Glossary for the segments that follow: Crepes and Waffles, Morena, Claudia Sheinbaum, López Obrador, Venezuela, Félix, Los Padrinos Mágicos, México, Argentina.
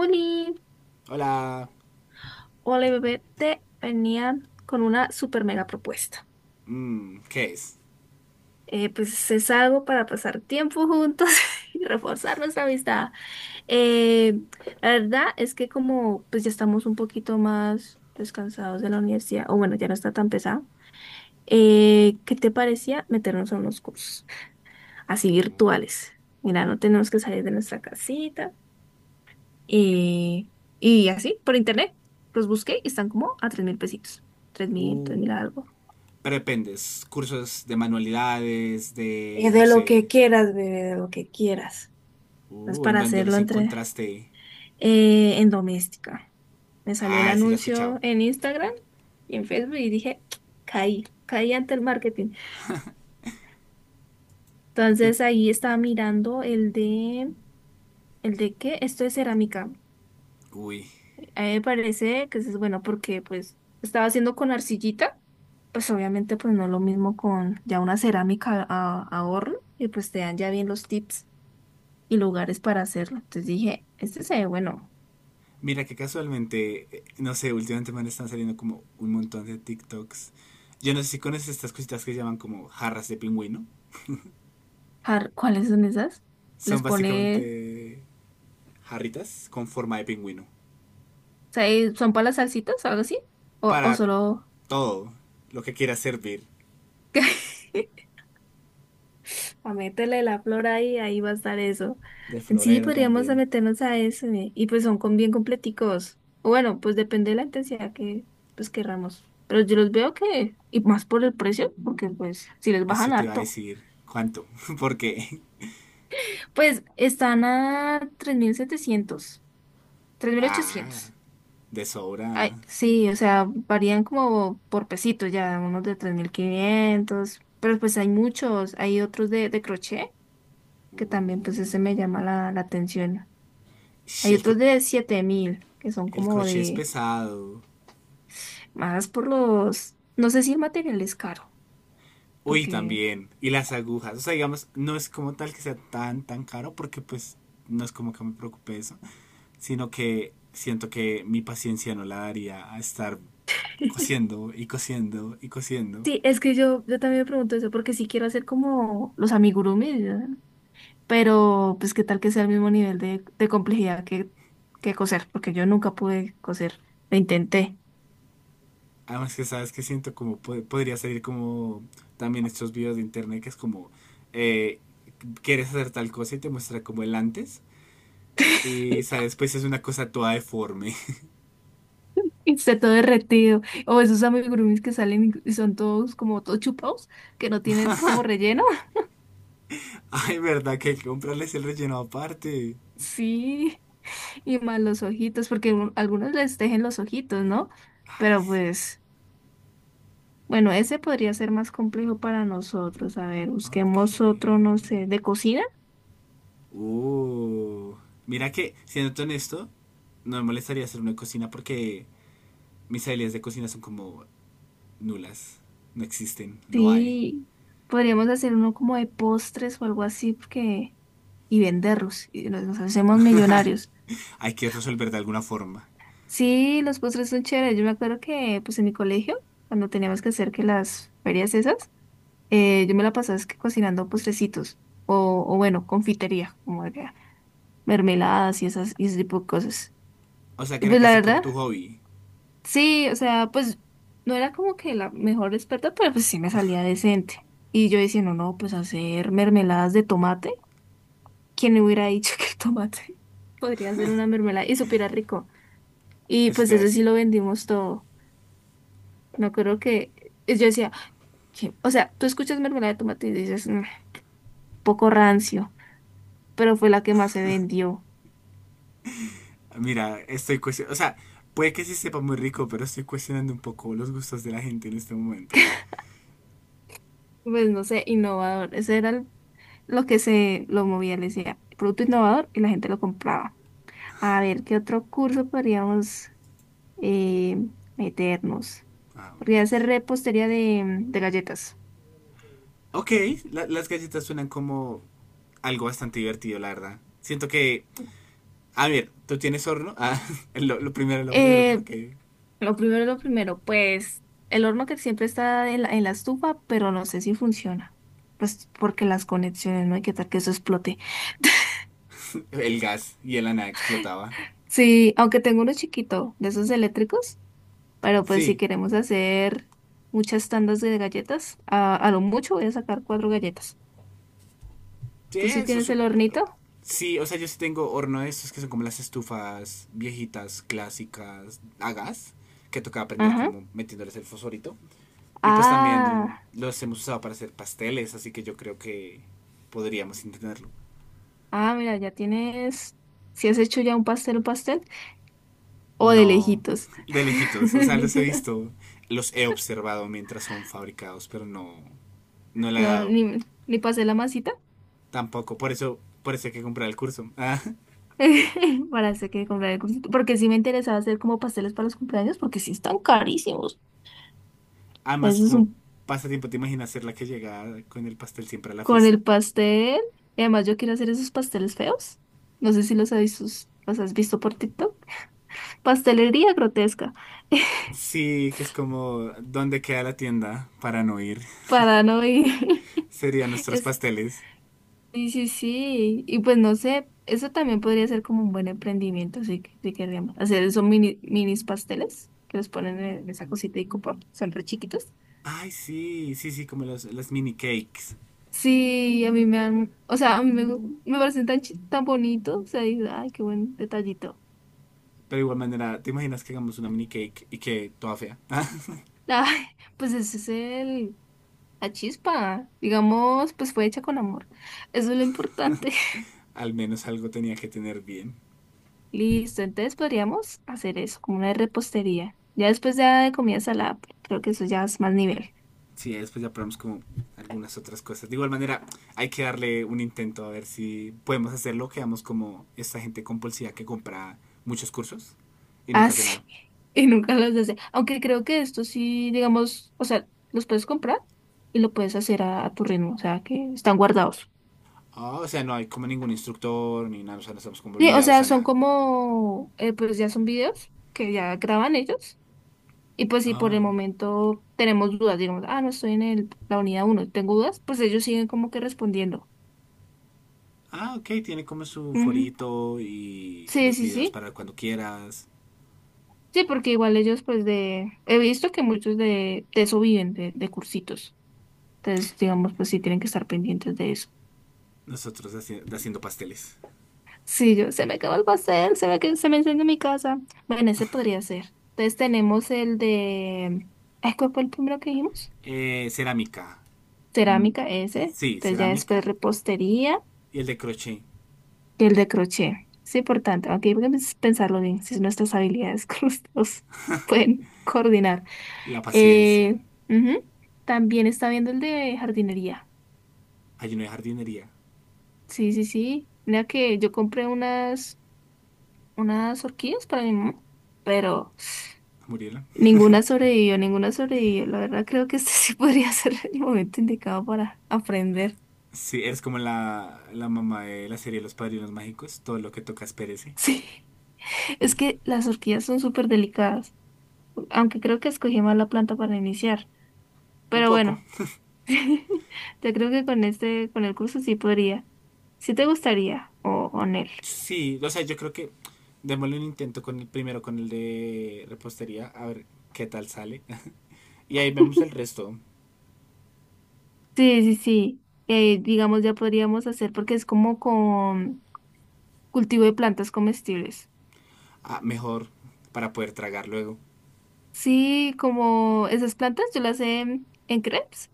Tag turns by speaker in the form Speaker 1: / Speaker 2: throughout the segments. Speaker 1: Oli,
Speaker 2: Hola.
Speaker 1: hola bebé, te venía con una super mega propuesta.
Speaker 2: Mm, ¿qué es?
Speaker 1: Pues es algo para pasar tiempo juntos y reforzar nuestra amistad. Eh, la verdad es que como pues ya estamos un poquito más descansados de la universidad, o bueno, ya no está tan pesado, ¿qué te parecía meternos a unos cursos así virtuales? Mira, no tenemos que salir de nuestra casita eh, y así por internet. Los busqué y están como a 3.000 pesitos. 3.000, tres
Speaker 2: Uh,
Speaker 1: mil algo.
Speaker 2: prependes, cursos de manualidades, de no
Speaker 1: De lo que
Speaker 2: sé.
Speaker 1: quieras, bebé, de lo que quieras. Es
Speaker 2: ¿En
Speaker 1: para
Speaker 2: dónde
Speaker 1: hacerlo
Speaker 2: los
Speaker 1: entre
Speaker 2: encontraste?
Speaker 1: en doméstica. Me salió el
Speaker 2: Ah, sí, la he escuchado.
Speaker 1: anuncio en Instagram y en Facebook y dije, caí ante el marketing.
Speaker 2: Y,
Speaker 1: Entonces ahí estaba mirando ¿el de qué? Esto es cerámica.
Speaker 2: uy,
Speaker 1: A mí me parece que eso es bueno porque pues estaba haciendo con arcillita, pues obviamente pues no es lo mismo con ya una cerámica a horno y pues te dan ya bien los tips. Y lugares para hacerlo. Entonces dije, este se ve bueno.
Speaker 2: mira que casualmente, no sé, últimamente me están saliendo como un montón de TikToks. Yo no sé si conoces estas cositas que se llaman como jarras de pingüino.
Speaker 1: ¿Cuáles son esas?
Speaker 2: Son
Speaker 1: ¿Les pone,
Speaker 2: básicamente jarritas con forma de pingüino.
Speaker 1: o sea, son para las salsitas o algo así? O
Speaker 2: Para
Speaker 1: solo...
Speaker 2: todo lo que quieras servir.
Speaker 1: A meterle la flor ahí, ahí va a estar eso.
Speaker 2: De
Speaker 1: Sí,
Speaker 2: florero
Speaker 1: podríamos a
Speaker 2: también.
Speaker 1: meternos a eso. Y pues son con bien completicos. O bueno, pues depende de la intensidad que pues querramos. Pero yo los veo que, y más por el precio, porque pues si les
Speaker 2: Eso
Speaker 1: bajan
Speaker 2: te iba a
Speaker 1: harto.
Speaker 2: decir. ¿Cuánto? Porque.
Speaker 1: Pues están a 3.700, tres mil
Speaker 2: Ah,
Speaker 1: ochocientos
Speaker 2: de
Speaker 1: Ay,
Speaker 2: sobra.
Speaker 1: sí, o sea, varían como por pesitos ya, unos de 3.500, pero pues hay muchos, hay otros de crochet, que también pues ese
Speaker 2: Uh,
Speaker 1: me llama la atención.
Speaker 2: sh,
Speaker 1: Hay
Speaker 2: el, cro-
Speaker 1: otros de 7.000 que son
Speaker 2: el
Speaker 1: como
Speaker 2: crochet es
Speaker 1: de
Speaker 2: pesado.
Speaker 1: más por los, no sé si el material es caro,
Speaker 2: Uy,
Speaker 1: porque...
Speaker 2: también. Y las agujas. O sea, digamos, no es como tal que sea tan caro, porque pues no es como que me preocupe eso. Sino que siento que mi paciencia no la daría a estar cosiendo y cosiendo y cosiendo.
Speaker 1: Sí, es que yo también me pregunto eso, porque sí quiero hacer como los amigurumis, ¿verdad? Pero pues qué tal que sea el mismo nivel de complejidad que coser, porque yo nunca pude coser, lo intenté.
Speaker 2: Además que sabes que siento como podría salir como también estos videos de internet que es como eh, quieres hacer tal cosa y te muestra como el antes y sabes pues es una cosa toda deforme.
Speaker 1: Y está todo derretido. O esos amigurumis que salen y son todos como todos chupados, que no tienen como relleno.
Speaker 2: Ay, verdad que hay que comprarles el relleno aparte.
Speaker 1: Sí, y más los ojitos, porque algunos les tejen los ojitos, ¿no?
Speaker 2: Ay,
Speaker 1: Pero
Speaker 2: sí.
Speaker 1: pues, bueno, ese podría ser más complejo para nosotros. A ver, busquemos otro,
Speaker 2: Ok.
Speaker 1: no sé, de cocina.
Speaker 2: Uh. Mira que, siendo honesto, no me molestaría hacer una cocina porque mis habilidades de cocina son como nulas. No existen, no hay.
Speaker 1: Sí, podríamos hacer uno como de postres o algo así, porque... y venderlos, y nos hacemos millonarios.
Speaker 2: Hay que resolver de alguna forma.
Speaker 1: Sí, los postres son chéveres. Yo me acuerdo que pues en mi colegio, cuando teníamos que hacer que las ferias esas, yo me la pasaba es que cocinando postrecitos o bueno, confitería, como de mermeladas y esas y ese tipo de cosas.
Speaker 2: O sea, que
Speaker 1: Y
Speaker 2: era
Speaker 1: pues la
Speaker 2: casi como
Speaker 1: verdad,
Speaker 2: tu hobby.
Speaker 1: sí, o sea, pues no era como que la mejor experta, pero pues sí me salía decente. Y yo diciendo, no, no, pues hacer mermeladas de tomate, ¿quién me hubiera dicho que el tomate podría hacer una mermelada y supiera rico? Y
Speaker 2: Eso te
Speaker 1: pues
Speaker 2: iba a
Speaker 1: eso sí
Speaker 2: decir.
Speaker 1: lo vendimos todo. Me acuerdo que yo decía, o sea, tú escuchas mermelada de tomate y dices, "Mm, poco rancio", pero fue la que más se vendió.
Speaker 2: Mira, estoy cuestionando. O sea, puede que sí sepa muy rico, pero estoy cuestionando un poco los gustos de la gente en este momento.
Speaker 1: Pues no sé, innovador. Lo que se lo movía, le decía, producto innovador y la gente lo compraba. A ver, ¿qué otro curso podríamos eh, meternos?
Speaker 2: Ah,
Speaker 1: Podría ser
Speaker 2: mierda.
Speaker 1: repostería de galletas.
Speaker 2: Ok, las galletas suenan como algo bastante divertido, la verdad. Siento que. A ver, ¿tú tienes horno? Ah, lo primero,
Speaker 1: Eh,
Speaker 2: porque
Speaker 1: Lo primero, pues el horno que siempre está en la estufa, pero no sé si funciona. Pues porque las conexiones, no hay que tal que eso explote.
Speaker 2: el gas y el ana explotaba.
Speaker 1: Sí, aunque tengo uno chiquito de esos eléctricos, pero pues si
Speaker 2: Sí,
Speaker 1: queremos hacer muchas tandas de galletas, a lo mucho voy a sacar cuatro galletas.
Speaker 2: sí,
Speaker 1: ¿Tú sí
Speaker 2: eso
Speaker 1: tienes
Speaker 2: es.
Speaker 1: el hornito?
Speaker 2: Sí, o sea, yo sí tengo horno de esos que son como las estufas viejitas, clásicas, a gas, que tocaba aprender
Speaker 1: Ajá.
Speaker 2: como metiéndoles el fosforito. Y pues también
Speaker 1: Ah,
Speaker 2: los hemos usado para hacer pasteles, así que yo creo que podríamos intentarlo.
Speaker 1: ah, mira, ya tienes. Si has hecho ya un pastel, o de
Speaker 2: No,
Speaker 1: lejitos.
Speaker 2: de lejitos, o sea, los he visto, los he observado mientras son fabricados, pero no, no le he
Speaker 1: No,
Speaker 2: dado
Speaker 1: ni, ni pasé la masita.
Speaker 2: tampoco. Por eso hay que comprar el curso.
Speaker 1: Para hacer que comprar el cursito. Porque sí me interesaba hacer como pasteles para los cumpleaños, porque sí están carísimos.
Speaker 2: Además,
Speaker 1: Eso es
Speaker 2: como
Speaker 1: un...
Speaker 2: pasa tiempo, ¿te imaginas ser la que llega con el pastel siempre a la
Speaker 1: Con
Speaker 2: fiesta?
Speaker 1: el pastel. Y además yo quiero hacer esos pasteles feos. No sé si los has visto, los has visto por TikTok. Pastelería grotesca.
Speaker 2: Sí, que es como, ¿dónde queda la tienda para no ir?
Speaker 1: Para no ir.
Speaker 2: Serían nuestros
Speaker 1: Es...
Speaker 2: pasteles.
Speaker 1: Sí, sí, sí. Y pues no sé, eso también podría ser como un buen emprendimiento, así que si querríamos. Hacer esos mini, minis pasteles que los ponen en esa cosita y cupo. Son re chiquitos.
Speaker 2: Ay, sí, sí, sí, como los, las mini cakes.
Speaker 1: Sí, a mí me han, o sea, a mí me, me parecen tan, tan bonitos, o sea, dices, ay, qué buen detallito.
Speaker 2: Pero de igual manera, ¿te imaginas que hagamos una mini cake y que toda fea?
Speaker 1: Ay, pues ese es el, la chispa, digamos, pues fue hecha con amor. Eso es lo importante.
Speaker 2: Al menos algo tenía que tener bien.
Speaker 1: Listo, entonces podríamos hacer eso, como una repostería. Ya después ya de comida salada, pues, creo que eso ya es más nivel.
Speaker 2: Sí, después ya probamos como algunas otras cosas. De igual manera, hay que darle un intento a ver si podemos hacerlo. Quedamos como esta gente compulsiva que compra muchos cursos y
Speaker 1: Ah,
Speaker 2: nunca hace
Speaker 1: sí,
Speaker 2: nada.
Speaker 1: y nunca los hace. Aunque creo que esto sí, digamos, o sea, los puedes comprar y lo puedes hacer a tu ritmo, o sea, que están guardados.
Speaker 2: Ah, o sea, no hay como ningún instructor ni nada, o sea, no estamos como
Speaker 1: Sí, o
Speaker 2: obligados
Speaker 1: sea,
Speaker 2: a
Speaker 1: son
Speaker 2: nada.
Speaker 1: como, pues ya son videos que ya graban ellos. Y pues si por el
Speaker 2: Ah.
Speaker 1: momento tenemos dudas, digamos, ah, no estoy en el, la unidad uno, tengo dudas, pues ellos siguen como que respondiendo.
Speaker 2: Ah, ok, tiene como su
Speaker 1: Ujú.
Speaker 2: forito y
Speaker 1: Sí,
Speaker 2: los
Speaker 1: sí,
Speaker 2: videos
Speaker 1: sí.
Speaker 2: para cuando quieras.
Speaker 1: Sí, porque igual ellos, pues de, he visto que muchos de eso viven, de cursitos. Entonces, digamos, pues sí tienen que estar pendientes de eso.
Speaker 2: Nosotros haciendo pasteles.
Speaker 1: Sí, yo, se me acabó el pastel, se me, se me incendió mi casa. Bueno, ese podría ser. Entonces tenemos el de, ay, ¿cuál fue el primero que dijimos?
Speaker 2: Cerámica. Mm,
Speaker 1: Cerámica ese,
Speaker 2: sí,
Speaker 1: entonces ya
Speaker 2: cerámica.
Speaker 1: después repostería
Speaker 2: Y el de crochet.
Speaker 1: y el de crochet. Es importante, aunque hay que pensarlo bien, si nuestras habilidades con pueden coordinar.
Speaker 2: La paciencia.
Speaker 1: Ujú, también está viendo el de jardinería.
Speaker 2: Ayuno de jardinería.
Speaker 1: Sí, sí, sí. Mira que yo compré unas, unas orquídeas para mi mamá, pero
Speaker 2: Murieron.
Speaker 1: ninguna sobrevivió, ninguna sobrevivió. La verdad creo que este sí podría ser el momento indicado para aprender.
Speaker 2: Sí, eres como la mamá de la serie Los Padrinos Mágicos. Todo lo que tocas perece.
Speaker 1: Sí. Es que las orquídeas son súper delicadas. Aunque creo que escogí mal la planta para iniciar.
Speaker 2: Un
Speaker 1: Pero
Speaker 2: poco.
Speaker 1: bueno, yo creo que con este, con el curso sí podría. Sí te gustaría, o con él.
Speaker 2: Sí, o sea, yo creo que démosle un intento con el primero, con el de repostería. A ver qué tal sale. Y ahí vemos el resto.
Speaker 1: Sí, sí, sí. Digamos, ya podríamos hacer porque es como con cultivo de plantas comestibles.
Speaker 2: Ah, mejor para poder tragar luego.
Speaker 1: Sí, como esas plantas, yo las he en crepes.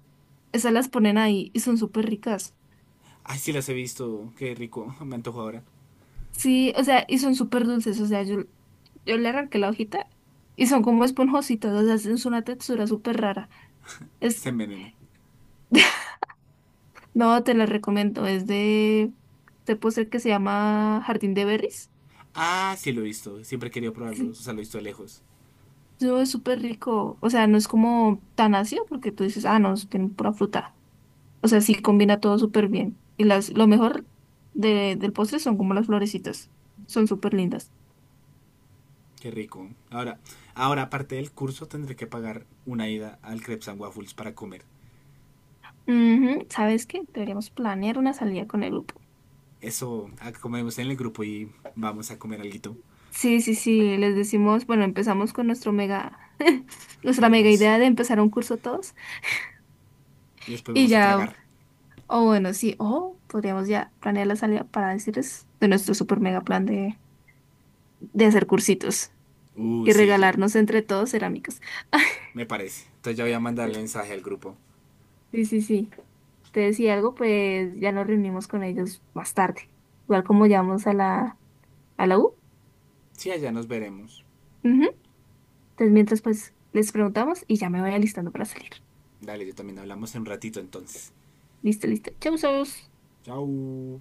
Speaker 1: Esas las ponen ahí y son súper ricas.
Speaker 2: Ay, sí las he visto, qué rico, me antojo ahora.
Speaker 1: Sí, o sea, y son súper dulces. O sea, yo le arranqué la hojita y son como esponjositas. O sea, es una textura súper rara. Es.
Speaker 2: Se envenena.
Speaker 1: No, te la recomiendo. Es de este postre que se llama Jardín de Berries.
Speaker 2: Ah, sí lo he visto, siempre he querido probarlos,
Speaker 1: Sí.
Speaker 2: o sea, lo he visto de lejos.
Speaker 1: No, es súper rico. O sea, no es como tan ácido porque tú dices, ah, no, es que pura fruta. O sea, sí combina todo súper bien. Y las, lo mejor del postre son como las florecitas. Son súper lindas.
Speaker 2: Qué rico. Ahora, ahora aparte del curso tendré que pagar una ida al Crepes and Waffles para comer.
Speaker 1: Ujú, ¿sabes qué? Deberíamos planear una salida con el grupo.
Speaker 2: Eso, ah, comemos en el grupo y vamos a comer algo,
Speaker 1: Sí, sí, sí. Les decimos, bueno, empezamos con nuestro mega, nuestra
Speaker 2: el
Speaker 1: mega
Speaker 2: anuncio.
Speaker 1: idea de empezar un curso todos.
Speaker 2: Y después
Speaker 1: Y
Speaker 2: vamos a
Speaker 1: ya.
Speaker 2: tragar.
Speaker 1: O bueno, sí, o podríamos ya planear la salida para decirles de nuestro super mega plan de hacer cursitos y
Speaker 2: Sí, ya,
Speaker 1: regalarnos entre todos cerámicas.
Speaker 2: me parece. Entonces ya voy a mandarle mensaje al grupo.
Speaker 1: Sí, sí, sí. Te decía algo, pues ya nos reunimos con ellos más tarde, igual como llamamos a la U.
Speaker 2: Sí, allá nos veremos.
Speaker 1: Ujú. Entonces, mientras pues les preguntamos y ya me voy alistando para salir.
Speaker 2: Dale, yo también hablamos en un ratito entonces.
Speaker 1: Listo, listo. Chau, chau.
Speaker 2: Chao.